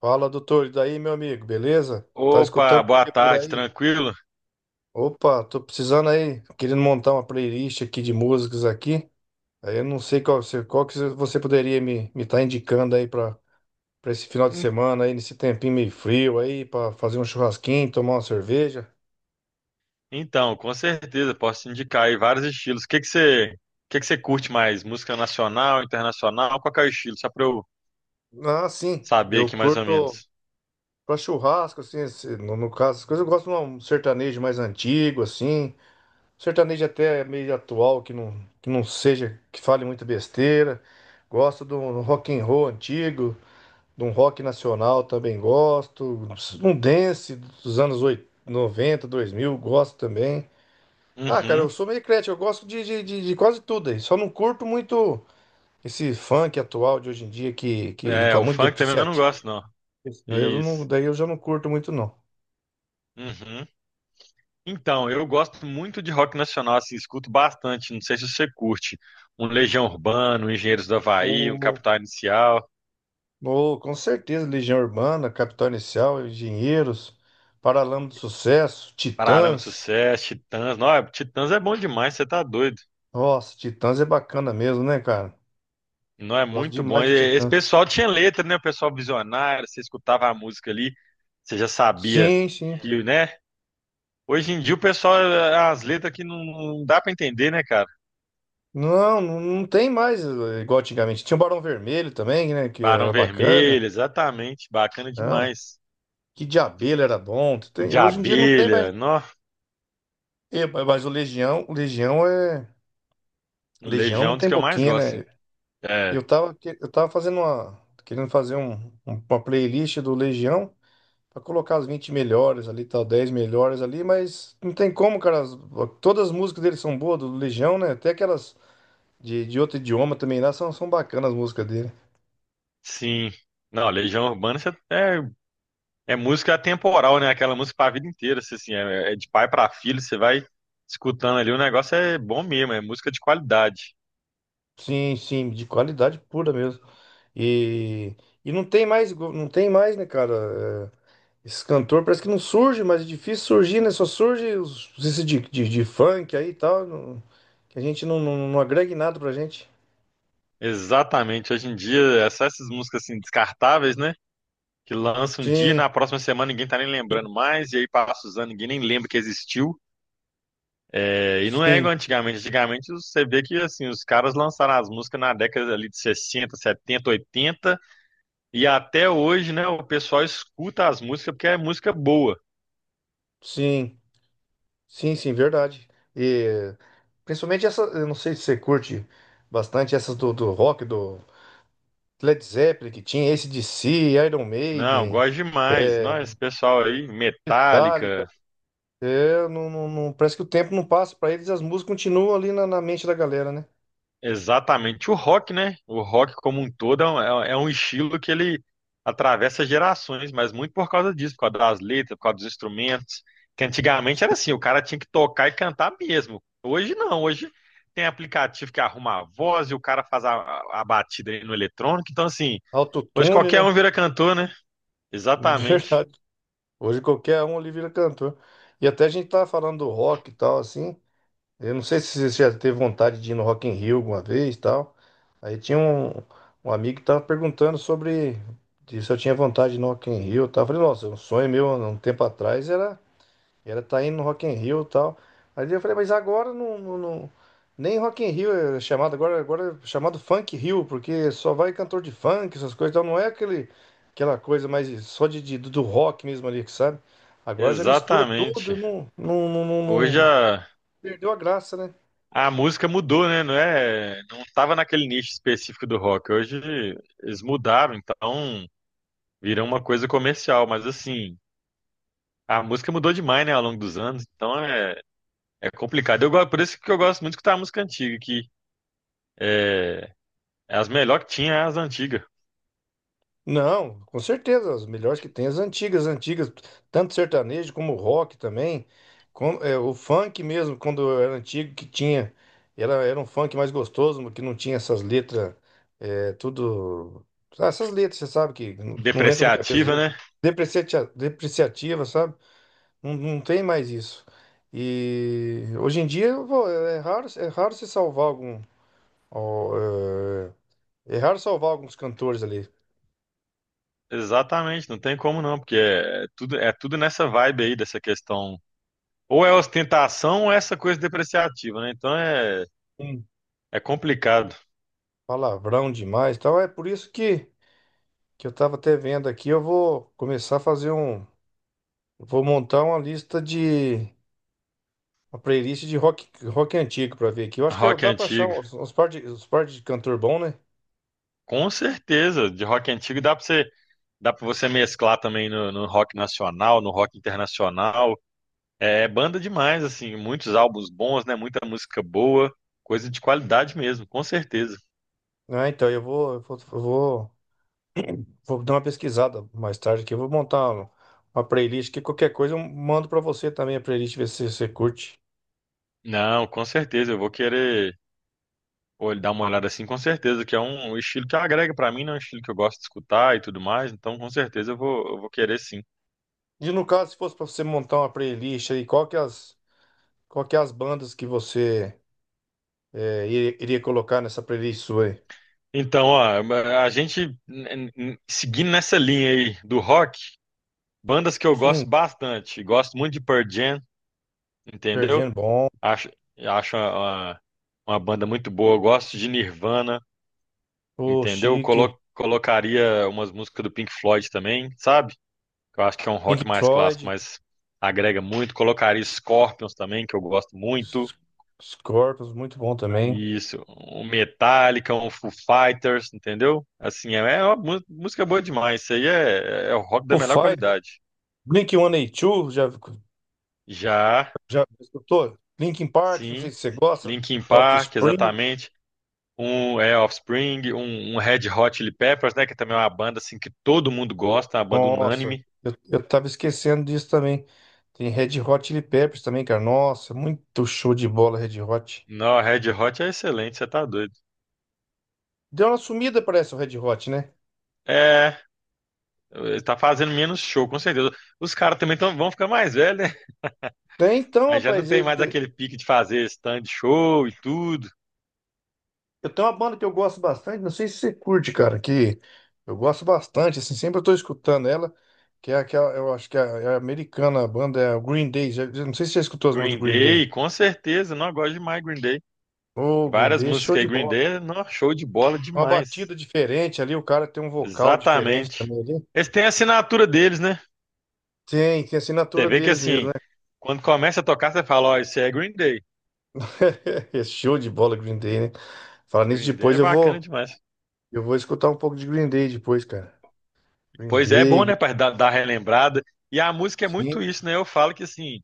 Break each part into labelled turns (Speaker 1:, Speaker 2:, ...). Speaker 1: Fala, doutor. E daí, meu amigo, beleza? Tá escutando
Speaker 2: Opa,
Speaker 1: o
Speaker 2: boa
Speaker 1: que por
Speaker 2: tarde,
Speaker 1: aí?
Speaker 2: tranquilo?
Speaker 1: Opa, tô precisando aí, querendo montar uma playlist aqui de músicas aqui. Aí eu não sei qual, qual que você poderia me tá indicando aí pra para esse final de
Speaker 2: Hum,
Speaker 1: semana aí, nesse tempinho meio frio aí, pra fazer um churrasquinho, tomar uma cerveja.
Speaker 2: Então, com certeza, posso te indicar aí vários estilos. O que que você curte mais? Música nacional, internacional? Qual que é o estilo? Só pra eu
Speaker 1: Ah, sim.
Speaker 2: saber
Speaker 1: Eu
Speaker 2: aqui mais ou
Speaker 1: curto
Speaker 2: menos.
Speaker 1: pra churrasco assim, no caso, essas coisas eu gosto de um sertanejo mais antigo assim. Sertanejo até meio atual, que não seja, que fale muita besteira. Gosto de um rock and roll antigo, de um rock nacional também gosto. Um dance dos anos 90 2000 gosto também. Ah, cara,
Speaker 2: Uhum.
Speaker 1: eu sou meio eclético, eu gosto de quase tudo aí. Só não curto muito esse funk atual de hoje em dia que
Speaker 2: É,
Speaker 1: tá
Speaker 2: o
Speaker 1: muito
Speaker 2: funk também eu não
Speaker 1: depreciativo.
Speaker 2: gosto, não.
Speaker 1: Né? Eu não,
Speaker 2: Isso.
Speaker 1: daí eu já não curto muito, não.
Speaker 2: Uhum. Então, eu gosto muito de rock nacional, assim, escuto bastante. Não sei se você curte. Um Legião Urbana, um Engenheiros do Havaí, um Capital Inicial,
Speaker 1: Oh, com certeza, Legião Urbana, Capital Inicial, Engenheiros, Paralama do Sucesso,
Speaker 2: Paralamas do
Speaker 1: Titãs.
Speaker 2: Sucesso, Titãs. Não, Titãs é bom demais, você tá doido.
Speaker 1: Nossa, Titãs é bacana mesmo, né, cara?
Speaker 2: Não é
Speaker 1: Gosto
Speaker 2: muito bom.
Speaker 1: demais
Speaker 2: E
Speaker 1: de
Speaker 2: esse
Speaker 1: Titãs.
Speaker 2: pessoal tinha letra, né? O pessoal visionário, você escutava a música ali, você já sabia
Speaker 1: Sim, sim.
Speaker 2: que, né? Hoje em dia o pessoal, as letras que não dá pra entender, né, cara?
Speaker 1: Não, não, não tem mais igual antigamente. Tinha o Barão Vermelho também, né, que
Speaker 2: Barão
Speaker 1: era bacana.
Speaker 2: Vermelho, exatamente, bacana
Speaker 1: Não,
Speaker 2: demais.
Speaker 1: que de Abelha era bom.
Speaker 2: E
Speaker 1: Tem,
Speaker 2: de
Speaker 1: hoje em dia não tem mais.
Speaker 2: abelha, nó,
Speaker 1: Mas o Legião é... O Legião
Speaker 2: Legião
Speaker 1: não
Speaker 2: é um dos
Speaker 1: tem
Speaker 2: que eu mais
Speaker 1: boquinha,
Speaker 2: gosto,
Speaker 1: né?
Speaker 2: sim. É,
Speaker 1: Eu tava, eu tava fazendo uma... Querendo fazer uma playlist do Legião. Pra colocar as 20 melhores ali, tal, 10 melhores ali, mas não tem como, cara. Todas as músicas dele são boas, do Legião, né? Até aquelas de outro idioma também lá são, são bacanas as músicas dele.
Speaker 2: sim. Não, é, é música atemporal, né? Aquela música pra vida inteira, você, assim, é, é de pai pra filho, você vai escutando ali, o negócio é bom mesmo, é música de qualidade.
Speaker 1: Sim, sim, de qualidade pura mesmo. E, e não tem mais, não tem mais, né, cara? É, esse cantor parece que não surge, mas é difícil surgir, né? Só surge os, esse de funk aí e tal, não- que a gente não, não, não agrega em nada pra gente.
Speaker 2: Exatamente. Hoje em dia, é só essas músicas assim descartáveis, né? Que lançam um dia e
Speaker 1: Sim,
Speaker 2: na próxima semana ninguém tá nem lembrando mais, e aí passa os anos, ninguém nem lembra que existiu. É, e não é
Speaker 1: sim,
Speaker 2: igual antigamente. Antigamente você vê que assim, os caras lançaram as músicas na década ali de 60 70 80 e até hoje, né, o pessoal escuta as músicas porque é música boa.
Speaker 1: sim. Sim, sim, verdade. E principalmente essa, eu não sei se você curte bastante essas do, do rock, do Led Zeppelin que tinha, AC/DC, Iron
Speaker 2: Não,
Speaker 1: Maiden,
Speaker 2: gosto demais. Nós, pessoal aí,
Speaker 1: Metallica.
Speaker 2: Metallica,
Speaker 1: É, não, não, parece que o tempo não passa para eles, e as músicas continuam ali na, na mente da galera, né?
Speaker 2: exatamente. O rock, né? O rock como um todo é um, é um estilo que ele atravessa gerações, mas muito por causa disso, por causa das letras, por causa dos instrumentos. Que antigamente era assim, o cara tinha que tocar e cantar mesmo. Hoje não, hoje tem aplicativo que arruma a voz e o cara faz a batida aí no eletrônico. Então, assim, hoje
Speaker 1: Autotune,
Speaker 2: qualquer um
Speaker 1: né?
Speaker 2: vira cantor, né? Exatamente.
Speaker 1: Verdade. Hoje qualquer um ali vira cantor. E até a gente tá falando do rock e tal, assim. Eu não sei se você já teve vontade de ir no Rock in Rio alguma vez e tal. Aí tinha um amigo que tava perguntando sobre de se eu tinha vontade de ir no Rock in Rio e tal. Eu falei, nossa, é um sonho meu há um tempo atrás era estar indo no Rock in Rio e tal. Aí eu falei, mas agora não, não, nem Rock in Rio é chamado agora, agora é chamado Funk Rio, porque só vai cantor de funk, essas coisas, então não é aquele aquela coisa mais só do rock mesmo ali, que sabe? Agora já mistura tudo,
Speaker 2: Exatamente.
Speaker 1: não, não, não, não,
Speaker 2: Hoje
Speaker 1: não-
Speaker 2: a,
Speaker 1: perdeu a graça, né?
Speaker 2: A música mudou, né? Não é, não tava naquele nicho específico do rock. Hoje eles mudaram, então virou uma coisa comercial, mas assim, a música mudou demais, né, ao longo dos anos, então é, é complicado. Eu, por isso que eu gosto muito de escutar a música antiga, que é, é as melhores que tinha é as antigas.
Speaker 1: Não, com certeza, as melhores que tem, as antigas, antigas, tanto sertanejo como rock também, é, o funk mesmo, quando era antigo, que tinha, era, era um funk mais gostoso, que não tinha essas letras, é, tudo, ah, essas letras, você sabe, que não, não entra na cabeça,
Speaker 2: Depreciativa,
Speaker 1: da gente,
Speaker 2: né?
Speaker 1: depreciativa, depreciativa, sabe, não, não tem mais isso, e hoje em dia, vô, é raro se salvar algum, ó, é é raro salvar alguns cantores ali.
Speaker 2: Exatamente, não tem como não, porque é tudo, é tudo nessa vibe aí dessa questão. Ou é ostentação ou é essa coisa depreciativa, né? Então é, é complicado.
Speaker 1: Palavrão demais, e tal. É por isso que eu tava até vendo aqui, eu vou começar a fazer eu vou montar uma lista de uma playlist de rock, rock antigo pra ver aqui. Eu acho que
Speaker 2: Rock
Speaker 1: dá pra achar
Speaker 2: antigo.
Speaker 1: uns, uns par de cantor bom, né?
Speaker 2: Com certeza, de rock antigo dá para você mesclar também no, no rock nacional, no rock internacional. É banda demais, assim, muitos álbuns bons, né? Muita música boa, coisa de qualidade mesmo, com certeza.
Speaker 1: Ah, então vou dar uma pesquisada mais tarde aqui, eu vou montar uma playlist que qualquer coisa eu mando pra você também a playlist ver se você curte.
Speaker 2: Não, com certeza, eu vou querer dar uma olhada assim, com certeza, que é um estilo que agrega pra mim, né? É um estilo que eu gosto de escutar e tudo mais, então com certeza eu vou querer sim.
Speaker 1: E no caso, se fosse pra você montar uma playlist aí, qual que é as bandas que você iria colocar nessa playlist sua aí?
Speaker 2: Então, ó, a gente seguindo nessa linha aí do rock, bandas que eu
Speaker 1: Sim,
Speaker 2: gosto bastante, gosto muito de Pearl Jam, entendeu?
Speaker 1: perdendo bom.
Speaker 2: Acho, acho uma banda muito boa. Eu gosto de Nirvana,
Speaker 1: O
Speaker 2: entendeu?
Speaker 1: Chic
Speaker 2: Colocaria umas músicas do Pink Floyd também, sabe? Que eu acho que é um rock
Speaker 1: Pink
Speaker 2: mais clássico,
Speaker 1: Floyd.
Speaker 2: mas agrega muito. Colocaria Scorpions também, que eu gosto muito.
Speaker 1: S- Scorpions, muito bom também.
Speaker 2: Isso, um Metallica, um Foo Fighters, entendeu? Assim, é, é uma música boa demais. Isso aí é, é o rock da
Speaker 1: O
Speaker 2: melhor
Speaker 1: Fighter.
Speaker 2: qualidade.
Speaker 1: Blink-182,
Speaker 2: Já,
Speaker 1: já escutou? Linkin Park, não sei
Speaker 2: sim,
Speaker 1: se você gosta.
Speaker 2: Linkin Park,
Speaker 1: Offspring.
Speaker 2: exatamente. Um é Offspring, um Red Hot Chili Peppers, né? Que também é uma banda assim que todo mundo gosta, uma banda
Speaker 1: Nossa,
Speaker 2: unânime.
Speaker 1: eu tava esquecendo disso também. Tem Red Hot Chili Peppers também, cara. Nossa, muito show de bola Red Hot.
Speaker 2: Não, Red Hot é excelente, você tá doido.
Speaker 1: Deu uma sumida, parece, o Red Hot, né?
Speaker 2: É, ele tá fazendo menos show, com certeza. Os caras também tão, vão ficar mais velhos, né?
Speaker 1: Tem então,
Speaker 2: Aí já não
Speaker 1: rapaz,
Speaker 2: tem
Speaker 1: ele,
Speaker 2: mais aquele pique de fazer stand show e tudo.
Speaker 1: eu tenho uma banda que eu gosto bastante, não sei se você curte, cara, que eu gosto bastante, assim, sempre eu tô escutando ela, que é aquela, eu acho que é, é americana, a banda é o Green Day, não sei se você já escutou as músicas do
Speaker 2: Green
Speaker 1: Green
Speaker 2: Day,
Speaker 1: Day.
Speaker 2: com certeza, não eu gosto demais de Green Day.
Speaker 1: Ô, Green
Speaker 2: Várias
Speaker 1: Day, é show
Speaker 2: músicas aí,
Speaker 1: de
Speaker 2: Green
Speaker 1: bola.
Speaker 2: Day, não, show de bola
Speaker 1: É uma
Speaker 2: demais.
Speaker 1: batida diferente ali, o cara tem um vocal diferente
Speaker 2: Exatamente.
Speaker 1: também ali.
Speaker 2: Eles têm a assinatura deles, né?
Speaker 1: Tem a
Speaker 2: Você
Speaker 1: assinatura
Speaker 2: vê que
Speaker 1: deles mesmo,
Speaker 2: assim,
Speaker 1: né?
Speaker 2: quando começa a tocar, você fala, ó, isso é Green Day.
Speaker 1: É show de bola, Green Day, né? Falar nisso
Speaker 2: Green Day
Speaker 1: depois,
Speaker 2: é bacana demais.
Speaker 1: eu vou escutar um pouco de Green Day depois, cara. Green
Speaker 2: Pois é, é bom,
Speaker 1: Day,
Speaker 2: né, para dar, dar relembrada. E a música é muito
Speaker 1: sim,
Speaker 2: isso, né? Eu falo que assim,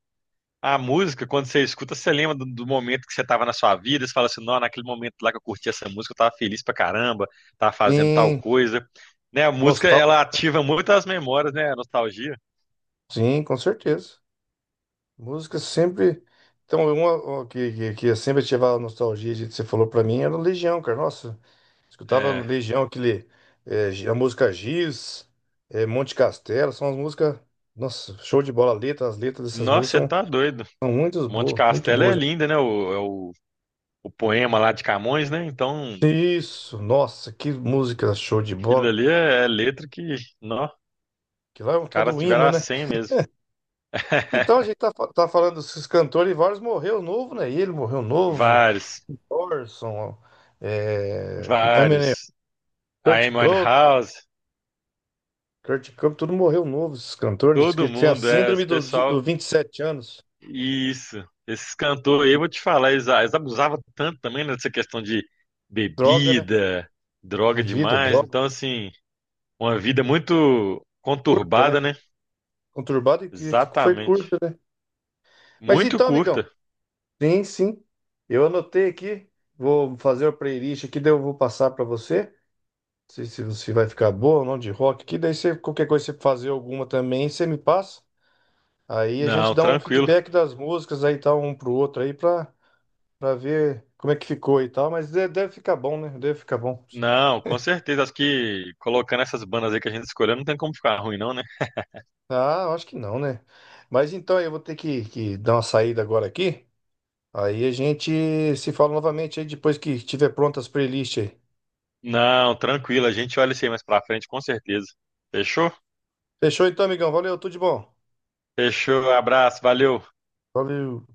Speaker 2: a música, quando você escuta, você lembra do, do momento que você estava na sua vida, você fala assim, não, naquele momento lá que eu curti essa música, eu tava feliz pra caramba, tava fazendo tal
Speaker 1: sim,
Speaker 2: coisa. Né, a música, ela
Speaker 1: nostálgico,
Speaker 2: ativa muito as memórias, né, a nostalgia.
Speaker 1: sim, com certeza. Música sempre. Então, uma que sempre ativava a nostalgia, gente, você falou pra mim, era Legião, cara. Nossa, escutava
Speaker 2: É.
Speaker 1: Legião, aquele, a música Giz, Monte Castelo, são as músicas. Nossa, show de bola. A letra, as letras dessas
Speaker 2: Nossa,
Speaker 1: músicas
Speaker 2: você
Speaker 1: são,
Speaker 2: tá doido.
Speaker 1: são muito
Speaker 2: Monte
Speaker 1: boas, muito
Speaker 2: Castelo é
Speaker 1: boas.
Speaker 2: linda, né? É o poema lá de Camões, né? Então,
Speaker 1: Isso, nossa, que música show de
Speaker 2: aquilo
Speaker 1: bola.
Speaker 2: ali é letra que, não,
Speaker 1: Que lá é um
Speaker 2: caras
Speaker 1: todo
Speaker 2: tiveram
Speaker 1: hino,
Speaker 2: a
Speaker 1: né?
Speaker 2: senha mesmo.
Speaker 1: Então a gente tá, tá falando desses cantores e vários morreu novo, né? Ele morreu novo,
Speaker 2: Vários,
Speaker 1: Orson, é, Eminem,
Speaker 2: vários. A
Speaker 1: Kurt
Speaker 2: Amy
Speaker 1: Cobain.
Speaker 2: Winehouse,
Speaker 1: Kurt Cobain, tudo morreu novo, esses cantores.
Speaker 2: todo
Speaker 1: Que tem a
Speaker 2: mundo, é,
Speaker 1: síndrome
Speaker 2: esse
Speaker 1: dos do
Speaker 2: pessoal,
Speaker 1: 27 anos.
Speaker 2: isso. Esses cantores, eu vou te falar, eles abusavam tanto também nessa questão de
Speaker 1: Droga, né?
Speaker 2: bebida,
Speaker 1: De
Speaker 2: droga
Speaker 1: vida,
Speaker 2: demais.
Speaker 1: droga
Speaker 2: Então, assim, uma vida muito
Speaker 1: curta,
Speaker 2: conturbada,
Speaker 1: né?
Speaker 2: né?
Speaker 1: Conturbada e que foi
Speaker 2: Exatamente.
Speaker 1: curta, né? Mas
Speaker 2: Muito
Speaker 1: então, amigão.
Speaker 2: curta.
Speaker 1: Sim, sim. Eu anotei aqui. Vou fazer a playlist aqui, daí eu vou passar pra você. Não sei se vai ficar boa ou não de rock aqui. Daí você, qualquer coisa, você fazer alguma também, você me passa. Aí a gente
Speaker 2: Não,
Speaker 1: dá um
Speaker 2: tranquilo.
Speaker 1: feedback das músicas aí, tal, um pro outro aí, pra ver como é que ficou e tal. Mas deve ficar bom, né? Deve ficar bom.
Speaker 2: Não, com certeza. Acho que colocando essas bandas aí que a gente escolheu, não tem como ficar ruim, não, né?
Speaker 1: Ah, eu acho que não, né? Mas então eu vou ter que dar uma saída agora aqui. Aí a gente se fala novamente aí depois que tiver prontas as playlists aí.
Speaker 2: Não, tranquilo, a gente olha isso aí mais pra frente, com certeza. Fechou?
Speaker 1: Fechou então, amigão. Valeu, tudo de bom.
Speaker 2: Fechou, abraço, valeu.
Speaker 1: Valeu.